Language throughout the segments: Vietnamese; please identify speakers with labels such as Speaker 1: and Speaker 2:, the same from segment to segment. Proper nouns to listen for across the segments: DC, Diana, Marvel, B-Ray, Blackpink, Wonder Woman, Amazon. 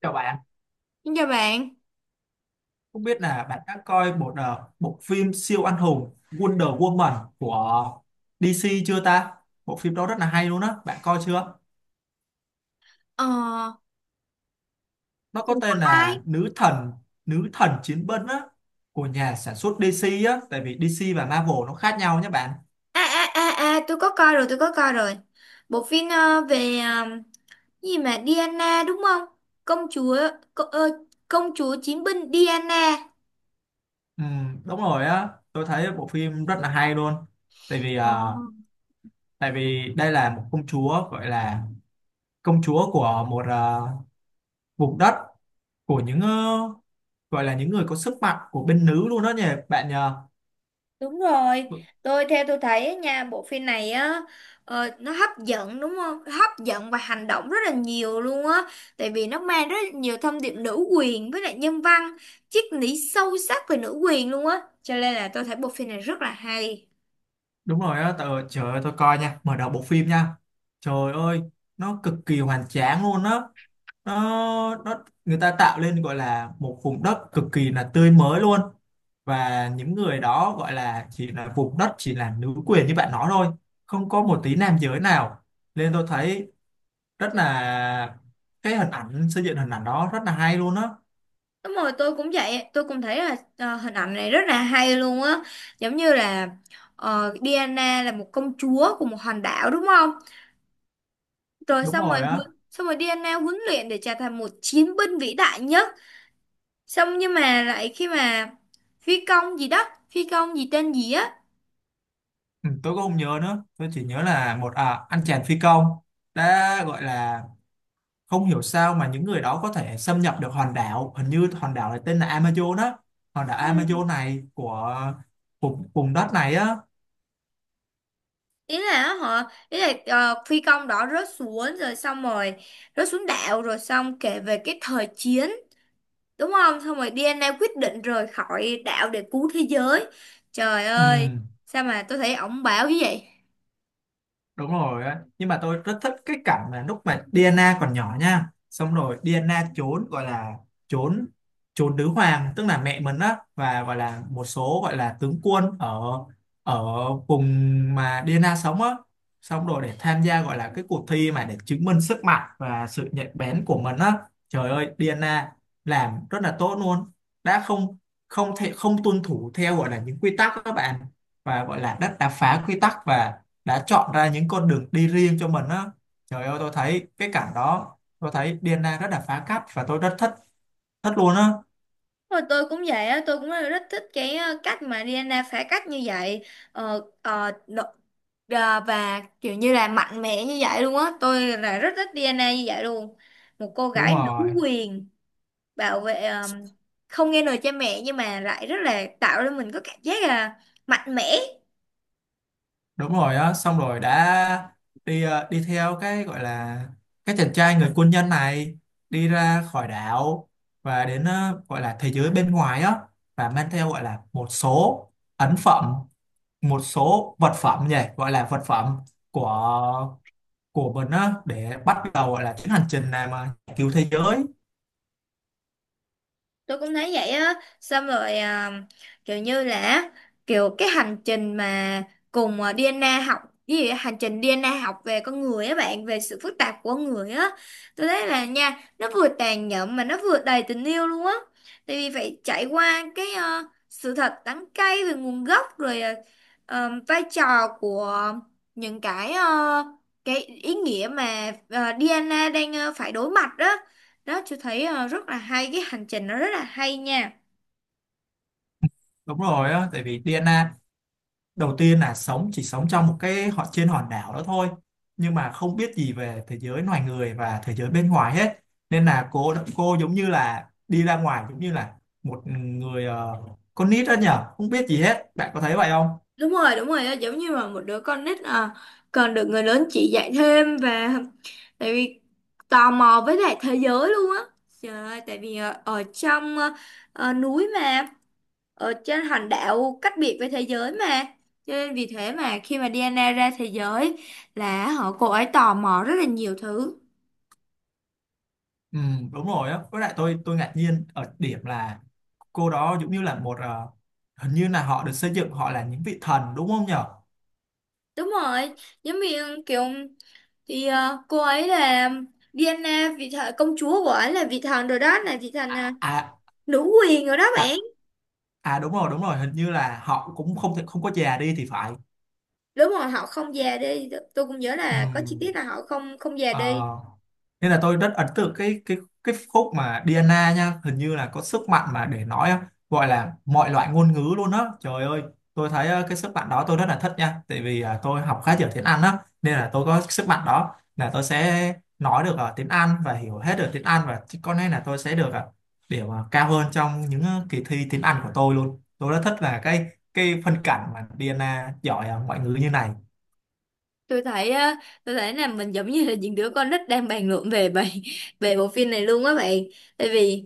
Speaker 1: Chào bạn,
Speaker 2: Xin chào bạn.
Speaker 1: không biết là bạn đã coi một bộ phim siêu anh hùng Wonder Woman của DC chưa ta? Bộ phim đó rất là hay luôn á, bạn coi chưa?
Speaker 2: Ờ,
Speaker 1: Nó có
Speaker 2: của
Speaker 1: tên
Speaker 2: ai?
Speaker 1: là Nữ thần chiến binh á của nhà sản xuất DC á, tại vì DC và Marvel nó khác nhau nhé bạn.
Speaker 2: Tôi có coi rồi, tôi có coi rồi. Bộ phim về cái gì mà Diana đúng không? Công chúa, co, ờ, công chúa chiến binh Diana.
Speaker 1: Ừ, đúng rồi á, tôi thấy bộ phim rất là hay luôn. Tại vì
Speaker 2: Ờ,
Speaker 1: ờ, Tại vì đây là một công chúa gọi là công chúa của một vùng đất của những gọi là những người có sức mạnh của bên nữ luôn đó nhỉ bạn nhờ.
Speaker 2: đúng rồi.
Speaker 1: Đ-
Speaker 2: Tôi thấy á nha, bộ phim này á nó hấp dẫn đúng không? Hấp dẫn và hành động rất là nhiều luôn á. Tại vì nó mang rất là nhiều thông điệp nữ quyền với lại nhân văn, triết lý sâu sắc về nữ quyền luôn á. Cho nên là tôi thấy bộ phim này rất là hay.
Speaker 1: Đúng rồi đó tờ, trời ơi tôi coi nha, mở đầu bộ phim nha, trời ơi nó cực kỳ hoành tráng luôn đó, nó người ta tạo lên gọi là một vùng đất cực kỳ là tươi mới luôn, và những người đó gọi là chỉ là vùng đất chỉ là nữ quyền như bạn nói thôi, không có một tí nam giới nào, nên tôi thấy rất là cái hình ảnh xây dựng hình ảnh đó rất là hay luôn á.
Speaker 2: Đúng rồi, tôi cũng vậy, tôi cũng thấy là hình ảnh này rất là hay luôn á, giống như là Diana là một công chúa của một hòn đảo đúng không? Rồi
Speaker 1: Đúng
Speaker 2: xong rồi
Speaker 1: rồi á.
Speaker 2: huấn- xong rồi Diana huấn luyện để trở thành một chiến binh vĩ đại nhất. Xong nhưng mà lại khi mà phi công gì đó, phi công gì tên gì á,
Speaker 1: Ừ, tôi cũng không nhớ nữa, tôi chỉ nhớ là một anh chàng phi công đã gọi là không hiểu sao mà những người đó có thể xâm nhập được hòn đảo, hình như hòn đảo này tên là Amazon á, hòn đảo
Speaker 2: ừ.
Speaker 1: Amazon này của vùng vùng đất này á.
Speaker 2: ý là họ ý là phi công đó rớt xuống rồi xong rồi rớt xuống đảo rồi xong kể về cái thời chiến đúng không, xong rồi DNA quyết định rời khỏi đảo để cứu thế giới. Trời
Speaker 1: Ừ.
Speaker 2: ơi, sao mà tôi thấy ổng bảo như vậy.
Speaker 1: Đúng rồi á, nhưng mà tôi rất thích cái cảnh mà lúc mà Diana còn nhỏ nha, xong rồi Diana trốn gọi là trốn trốn nữ hoàng tức là mẹ mình á, và gọi là một số gọi là tướng quân ở ở vùng mà Diana sống á, xong rồi để tham gia gọi là cái cuộc thi mà để chứng minh sức mạnh và sự nhạy bén của mình á. Trời ơi Diana làm rất là tốt luôn, đã không không thể không tuân thủ theo gọi là những quy tắc đó các bạn, và gọi là đã phá quy tắc, và đã chọn ra những con đường đi riêng cho mình á. Trời ơi tôi thấy cái cảnh đó, tôi thấy Diana rất là phá cách và tôi rất thích thích luôn á.
Speaker 2: Rồi tôi cũng vậy á, tôi cũng rất thích cái cách mà DNA phá cách như vậy, ờ, ờ, đ- và kiểu như là mạnh mẽ như vậy luôn á, tôi là rất thích DNA như vậy luôn. Một cô
Speaker 1: Đúng
Speaker 2: gái nữ
Speaker 1: rồi,
Speaker 2: quyền, bảo vệ không nghe lời cha mẹ, nhưng mà lại rất là tạo cho mình có cảm giác là mạnh mẽ.
Speaker 1: đúng rồi á, xong rồi đã đi đi theo cái gọi là cái chàng trai người quân nhân này đi ra khỏi đảo, và đến gọi là thế giới bên ngoài á, và mang theo gọi là một số ấn phẩm, một số vật phẩm nhỉ, gọi là vật phẩm của của mình á để bắt đầu gọi là chuyến hành trình này mà cứu thế giới.
Speaker 2: Tôi cũng thấy vậy á, xong rồi kiểu như là kiểu cái hành trình mà cùng DNA học cái gì á, hành trình DNA học về con người á bạn, về sự phức tạp của con người á. Tôi thấy là nha, nó vừa tàn nhẫn mà nó vừa đầy tình yêu luôn á. Tại vì phải trải qua cái sự thật đắng cay về nguồn gốc, rồi vai trò của những cái ý nghĩa mà DNA đang phải đối mặt đó. Đó chị thấy rất là hay, cái hành trình nó rất là hay nha.
Speaker 1: Đúng rồi á, tại vì DNA đầu tiên là sống, chỉ sống trong một cái họ trên hòn đảo đó thôi, nhưng mà không biết gì về thế giới loài người và thế giới bên ngoài hết. Nên là cô giống như là đi ra ngoài, giống như là một người con nít đó nhở, không biết gì hết. Bạn có thấy vậy không?
Speaker 2: Đúng rồi, đúng rồi, giống như mà một đứa con nít còn được người lớn chỉ dạy thêm, và tại vì tò mò với lại thế giới luôn á. Trời ơi, tại vì ở trong núi mà, ở trên hòn đảo cách biệt với thế giới mà, cho nên vì thế mà khi mà Diana ra thế giới là cô ấy tò mò rất là nhiều thứ.
Speaker 1: Ừ, đúng rồi á. Với lại tôi ngạc nhiên ở điểm là cô đó giống như là một hình như là họ được xây dựng, họ là những vị thần đúng không nhở?
Speaker 2: Đúng rồi, giống như kiểu thì cô ấy là Diana vị thần, công chúa của ấy là vị thần rồi, đó là vị thần
Speaker 1: À, à,
Speaker 2: nữ quyền rồi đó bạn.
Speaker 1: à, à đúng rồi, đúng rồi, hình như là họ cũng không thể không có già đi thì phải.
Speaker 2: Đúng rồi, họ không già đi. Tôi cũng nhớ là có chi
Speaker 1: Ừm,
Speaker 2: tiết là họ không không già đi.
Speaker 1: ờ, Nên là tôi rất ấn tượng cái cái khúc mà Diana nha, hình như là có sức mạnh mà để nói á, gọi là mọi loại ngôn ngữ luôn á. Trời ơi tôi thấy cái sức mạnh đó tôi rất là thích nha, tại vì tôi học khá nhiều tiếng Anh á, nên là tôi có sức mạnh đó là tôi sẽ nói được tiếng Anh và hiểu hết được tiếng Anh, và chứ có lẽ là tôi sẽ được điểm cao hơn trong những kỳ thi tiếng Anh của tôi luôn. Tôi rất thích là cái phân cảnh mà Diana giỏi ngoại ngữ như này.
Speaker 2: Tôi thấy ờ, tôi thấy là mình giống như là những đứa con nít đang bàn luận về bài về bộ phim này luôn á bạn. tại vì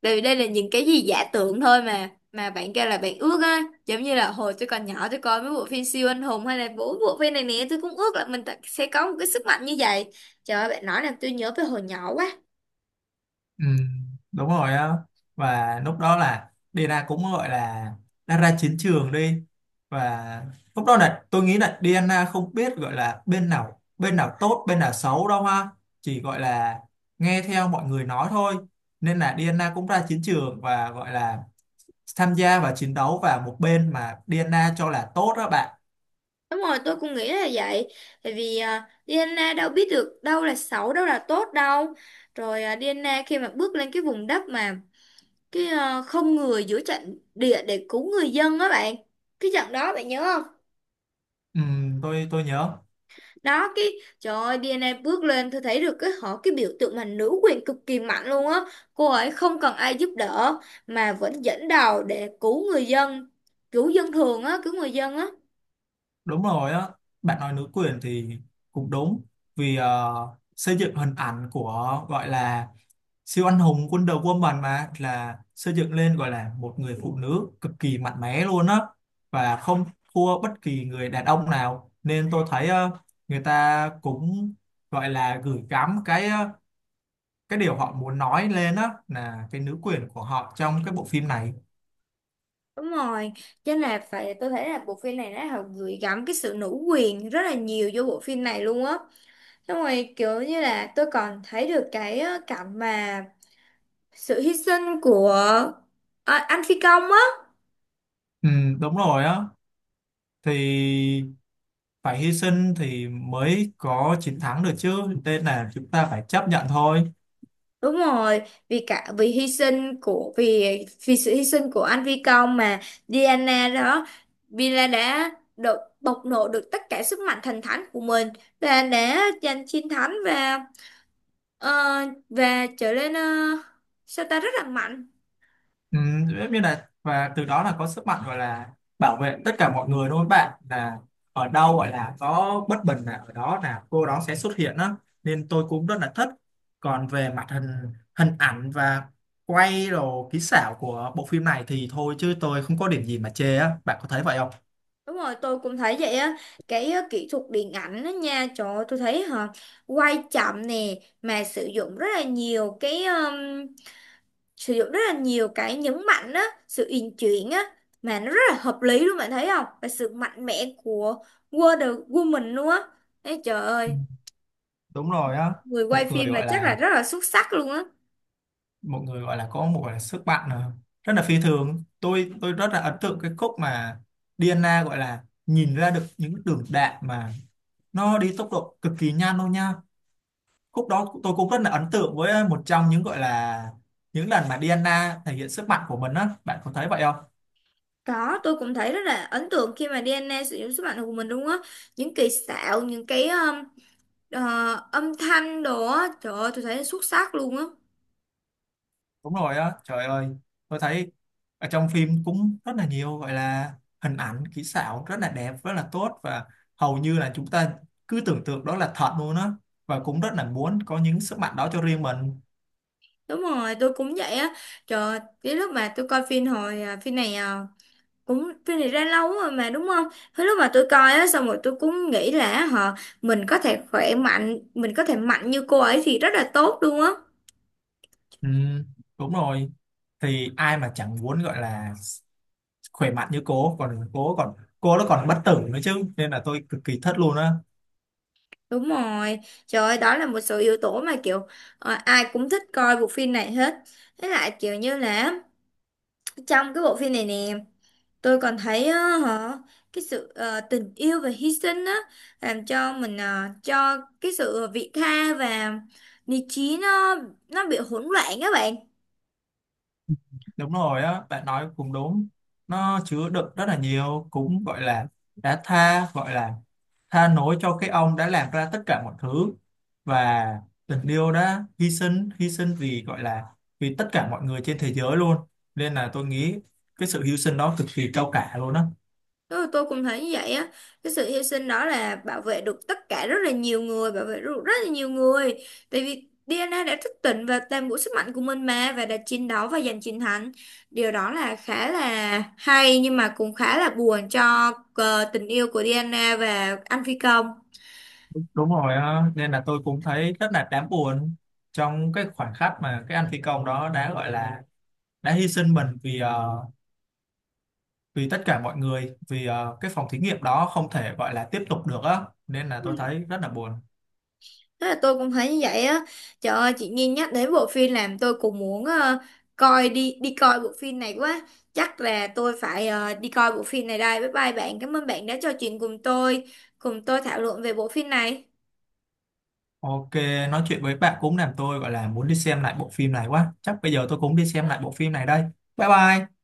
Speaker 2: Tại vì đây là những cái gì giả tưởng thôi, mà bạn kêu là bạn ước á, giống như là hồi tôi còn nhỏ tôi coi mấy bộ phim siêu anh hùng, hay là bộ bộ phim này nè, tôi cũng ước là mình sẽ có một cái sức mạnh như vậy. Trời ơi, bạn nói làm tôi nhớ về hồi nhỏ quá.
Speaker 1: Ừ, đúng rồi á, và lúc đó là Diana cũng gọi là đã ra chiến trường đi, và lúc đó là tôi nghĩ là Diana không biết gọi là bên nào tốt bên nào xấu đâu ha, chỉ gọi là nghe theo mọi người nói thôi, nên là Diana cũng ra chiến trường, và gọi là tham gia và chiến đấu vào một bên mà Diana cho là tốt đó bạn.
Speaker 2: Đúng rồi, tôi cũng nghĩ là vậy. Tại vì DNA đâu biết được đâu là xấu đâu là tốt đâu. Rồi DNA khi mà bước lên cái vùng đất mà cái không người giữa trận địa để cứu người dân á bạn, cái trận đó bạn nhớ không?
Speaker 1: Ừ, tôi nhớ.
Speaker 2: Đó cái, trời ơi, DNA bước lên, tôi thấy được cái biểu tượng mà nữ quyền cực kỳ mạnh luôn á. Cô ấy không cần ai giúp đỡ mà vẫn dẫn đầu để cứu người dân, cứu dân thường á, cứu người dân á.
Speaker 1: Đúng rồi á, bạn nói nữ quyền thì cũng đúng, vì xây dựng hình ảnh của gọi là siêu anh hùng Wonder Woman mà là xây dựng lên gọi là một người phụ nữ cực kỳ mạnh mẽ luôn á, và không thua bất kỳ người đàn ông nào, nên tôi thấy người ta cũng gọi là gửi gắm cái cái điều họ muốn nói lên á là cái nữ quyền của họ trong cái bộ phim này.
Speaker 2: Đúng rồi, cho nên là phải, tôi thấy là bộ phim này nó họ gửi gắm cái sự nữ quyền rất là nhiều vô bộ phim này luôn á. Xong rồi kiểu như là tôi còn thấy được cảnh mà sự hy sinh của anh phi công á.
Speaker 1: Ừ, đúng rồi á, thì phải hy sinh thì mới có chiến thắng được chứ, nên là chúng ta phải chấp nhận thôi.
Speaker 2: Đúng rồi, vì cả vì hy sinh của vì vì sự hy sinh của anh Phi Công mà Diana đó, Villa đã được bộc lộ được tất cả sức mạnh thần thánh của mình, và đã giành chiến thắng, và ờ, và trở nên sao ta rất là mạnh.
Speaker 1: Ừ, giống như là và từ đó là có sức mạnh gọi là bảo vệ tất cả mọi người đúng không bạn, là ở đâu gọi là có bất bình là ở đó là cô đó sẽ xuất hiện đó, nên tôi cũng rất là thích. Còn về mặt hình hình ảnh và quay đồ kỹ xảo của bộ phim này thì thôi, chứ tôi không có điểm gì mà chê á, bạn có thấy vậy không?
Speaker 2: Đúng rồi, tôi cũng thấy vậy á. Cái kỹ thuật điện ảnh đó nha, trời ơi, tôi thấy hả, quay chậm nè, mà sử dụng rất là nhiều cái nhấn mạnh á, sự uyển chuyển á, mà nó rất là hợp lý luôn bạn thấy không, và sự mạnh mẽ của Wonder Woman luôn á. Ê, trời
Speaker 1: Ừ,
Speaker 2: ơi,
Speaker 1: đúng rồi á,
Speaker 2: người quay
Speaker 1: một người
Speaker 2: phim mà
Speaker 1: gọi
Speaker 2: chắc là
Speaker 1: là
Speaker 2: rất là xuất sắc luôn á.
Speaker 1: mọi người gọi là có một gọi là sức mạnh rất là phi thường. Tôi rất là ấn tượng cái khúc mà Diana gọi là nhìn ra được những đường đạn mà nó đi tốc độ cực kỳ nhanh luôn nha, khúc đó tôi cũng rất là ấn tượng với một trong những gọi là những lần mà Diana thể hiện sức mạnh của mình á, bạn có thấy vậy không?
Speaker 2: Có, tôi cũng thấy rất là ấn tượng khi mà DNA sử dụng sức mạnh của mình luôn á, những kỳ xạo, những cái ờ, âm thanh đồ á, trời ơi tôi thấy xuất sắc luôn á.
Speaker 1: Đúng rồi á, trời ơi tôi thấy ở trong phim cũng rất là nhiều gọi là hình ảnh kỹ xảo rất là đẹp rất là tốt, và hầu như là chúng ta cứ tưởng tượng đó là thật luôn á, và cũng rất là muốn có những sức mạnh đó cho riêng mình.
Speaker 2: Đúng rồi, tôi cũng vậy á. Trời ơi, cái lúc mà tôi coi phim hồi phim này cũng phim này ra lâu rồi mà đúng không? Thế lúc mà tôi coi á xong rồi tôi cũng nghĩ là mình có thể khỏe mạnh, mình có thể mạnh như cô ấy thì rất là tốt luôn á.
Speaker 1: Ừ, đúng rồi, thì ai mà chẳng muốn gọi là khỏe mạnh như cô, còn cô còn cô nó còn bất tử nữa chứ, nên là tôi cực kỳ thất luôn á.
Speaker 2: Đúng rồi. Trời ơi, đó là một số yếu tố mà kiểu ai cũng thích coi bộ phim này hết. Với lại kiểu như là trong cái bộ phim này nè, tôi còn thấy á, cái sự tình yêu và hy sinh á, làm cho mình cho cái sự vị tha và lý trí nó bị hỗn loạn các bạn.
Speaker 1: Đúng rồi á, bạn nói cũng đúng, nó chứa đựng rất là nhiều cũng gọi là đã tha gọi là tha lỗi cho cái ông đã làm ra tất cả mọi thứ, và tình yêu đã hy sinh, hy sinh vì gọi là vì tất cả mọi người trên thế giới luôn, nên là tôi nghĩ cái sự hy sinh đó cực kỳ cao cả luôn á.
Speaker 2: Tôi cũng thấy như vậy á, cái sự hy sinh đó là bảo vệ được tất cả rất là nhiều người, bảo vệ được rất là nhiều người. Tại vì DNA đã thức tỉnh và toàn bộ sức mạnh của mình mà, và đã chiến đấu và giành chiến thắng. Điều đó là khá là hay, nhưng mà cũng khá là buồn cho tình yêu của DNA và anh phi công.
Speaker 1: Đúng rồi á, nên là tôi cũng thấy rất là đáng buồn trong cái khoảnh khắc mà cái anh phi công đó đã gọi là đã hy sinh mình vì vì tất cả mọi người, vì cái phòng thí nghiệm đó không thể gọi là tiếp tục được á, nên là tôi thấy rất là buồn.
Speaker 2: Thế là tôi cũng thấy như vậy á. Trời ơi, chị Nhi nhắc đến bộ phim làm tôi cũng muốn coi đi đi coi bộ phim này quá. Chắc là tôi phải đi coi bộ phim này đây. Bye bye bạn. Cảm ơn bạn đã trò chuyện cùng tôi thảo luận về bộ phim này.
Speaker 1: Ok, nói chuyện với bạn cũng làm tôi gọi là muốn đi xem lại bộ phim này quá. Chắc bây giờ tôi cũng đi xem lại bộ phim này đây. Bye bye.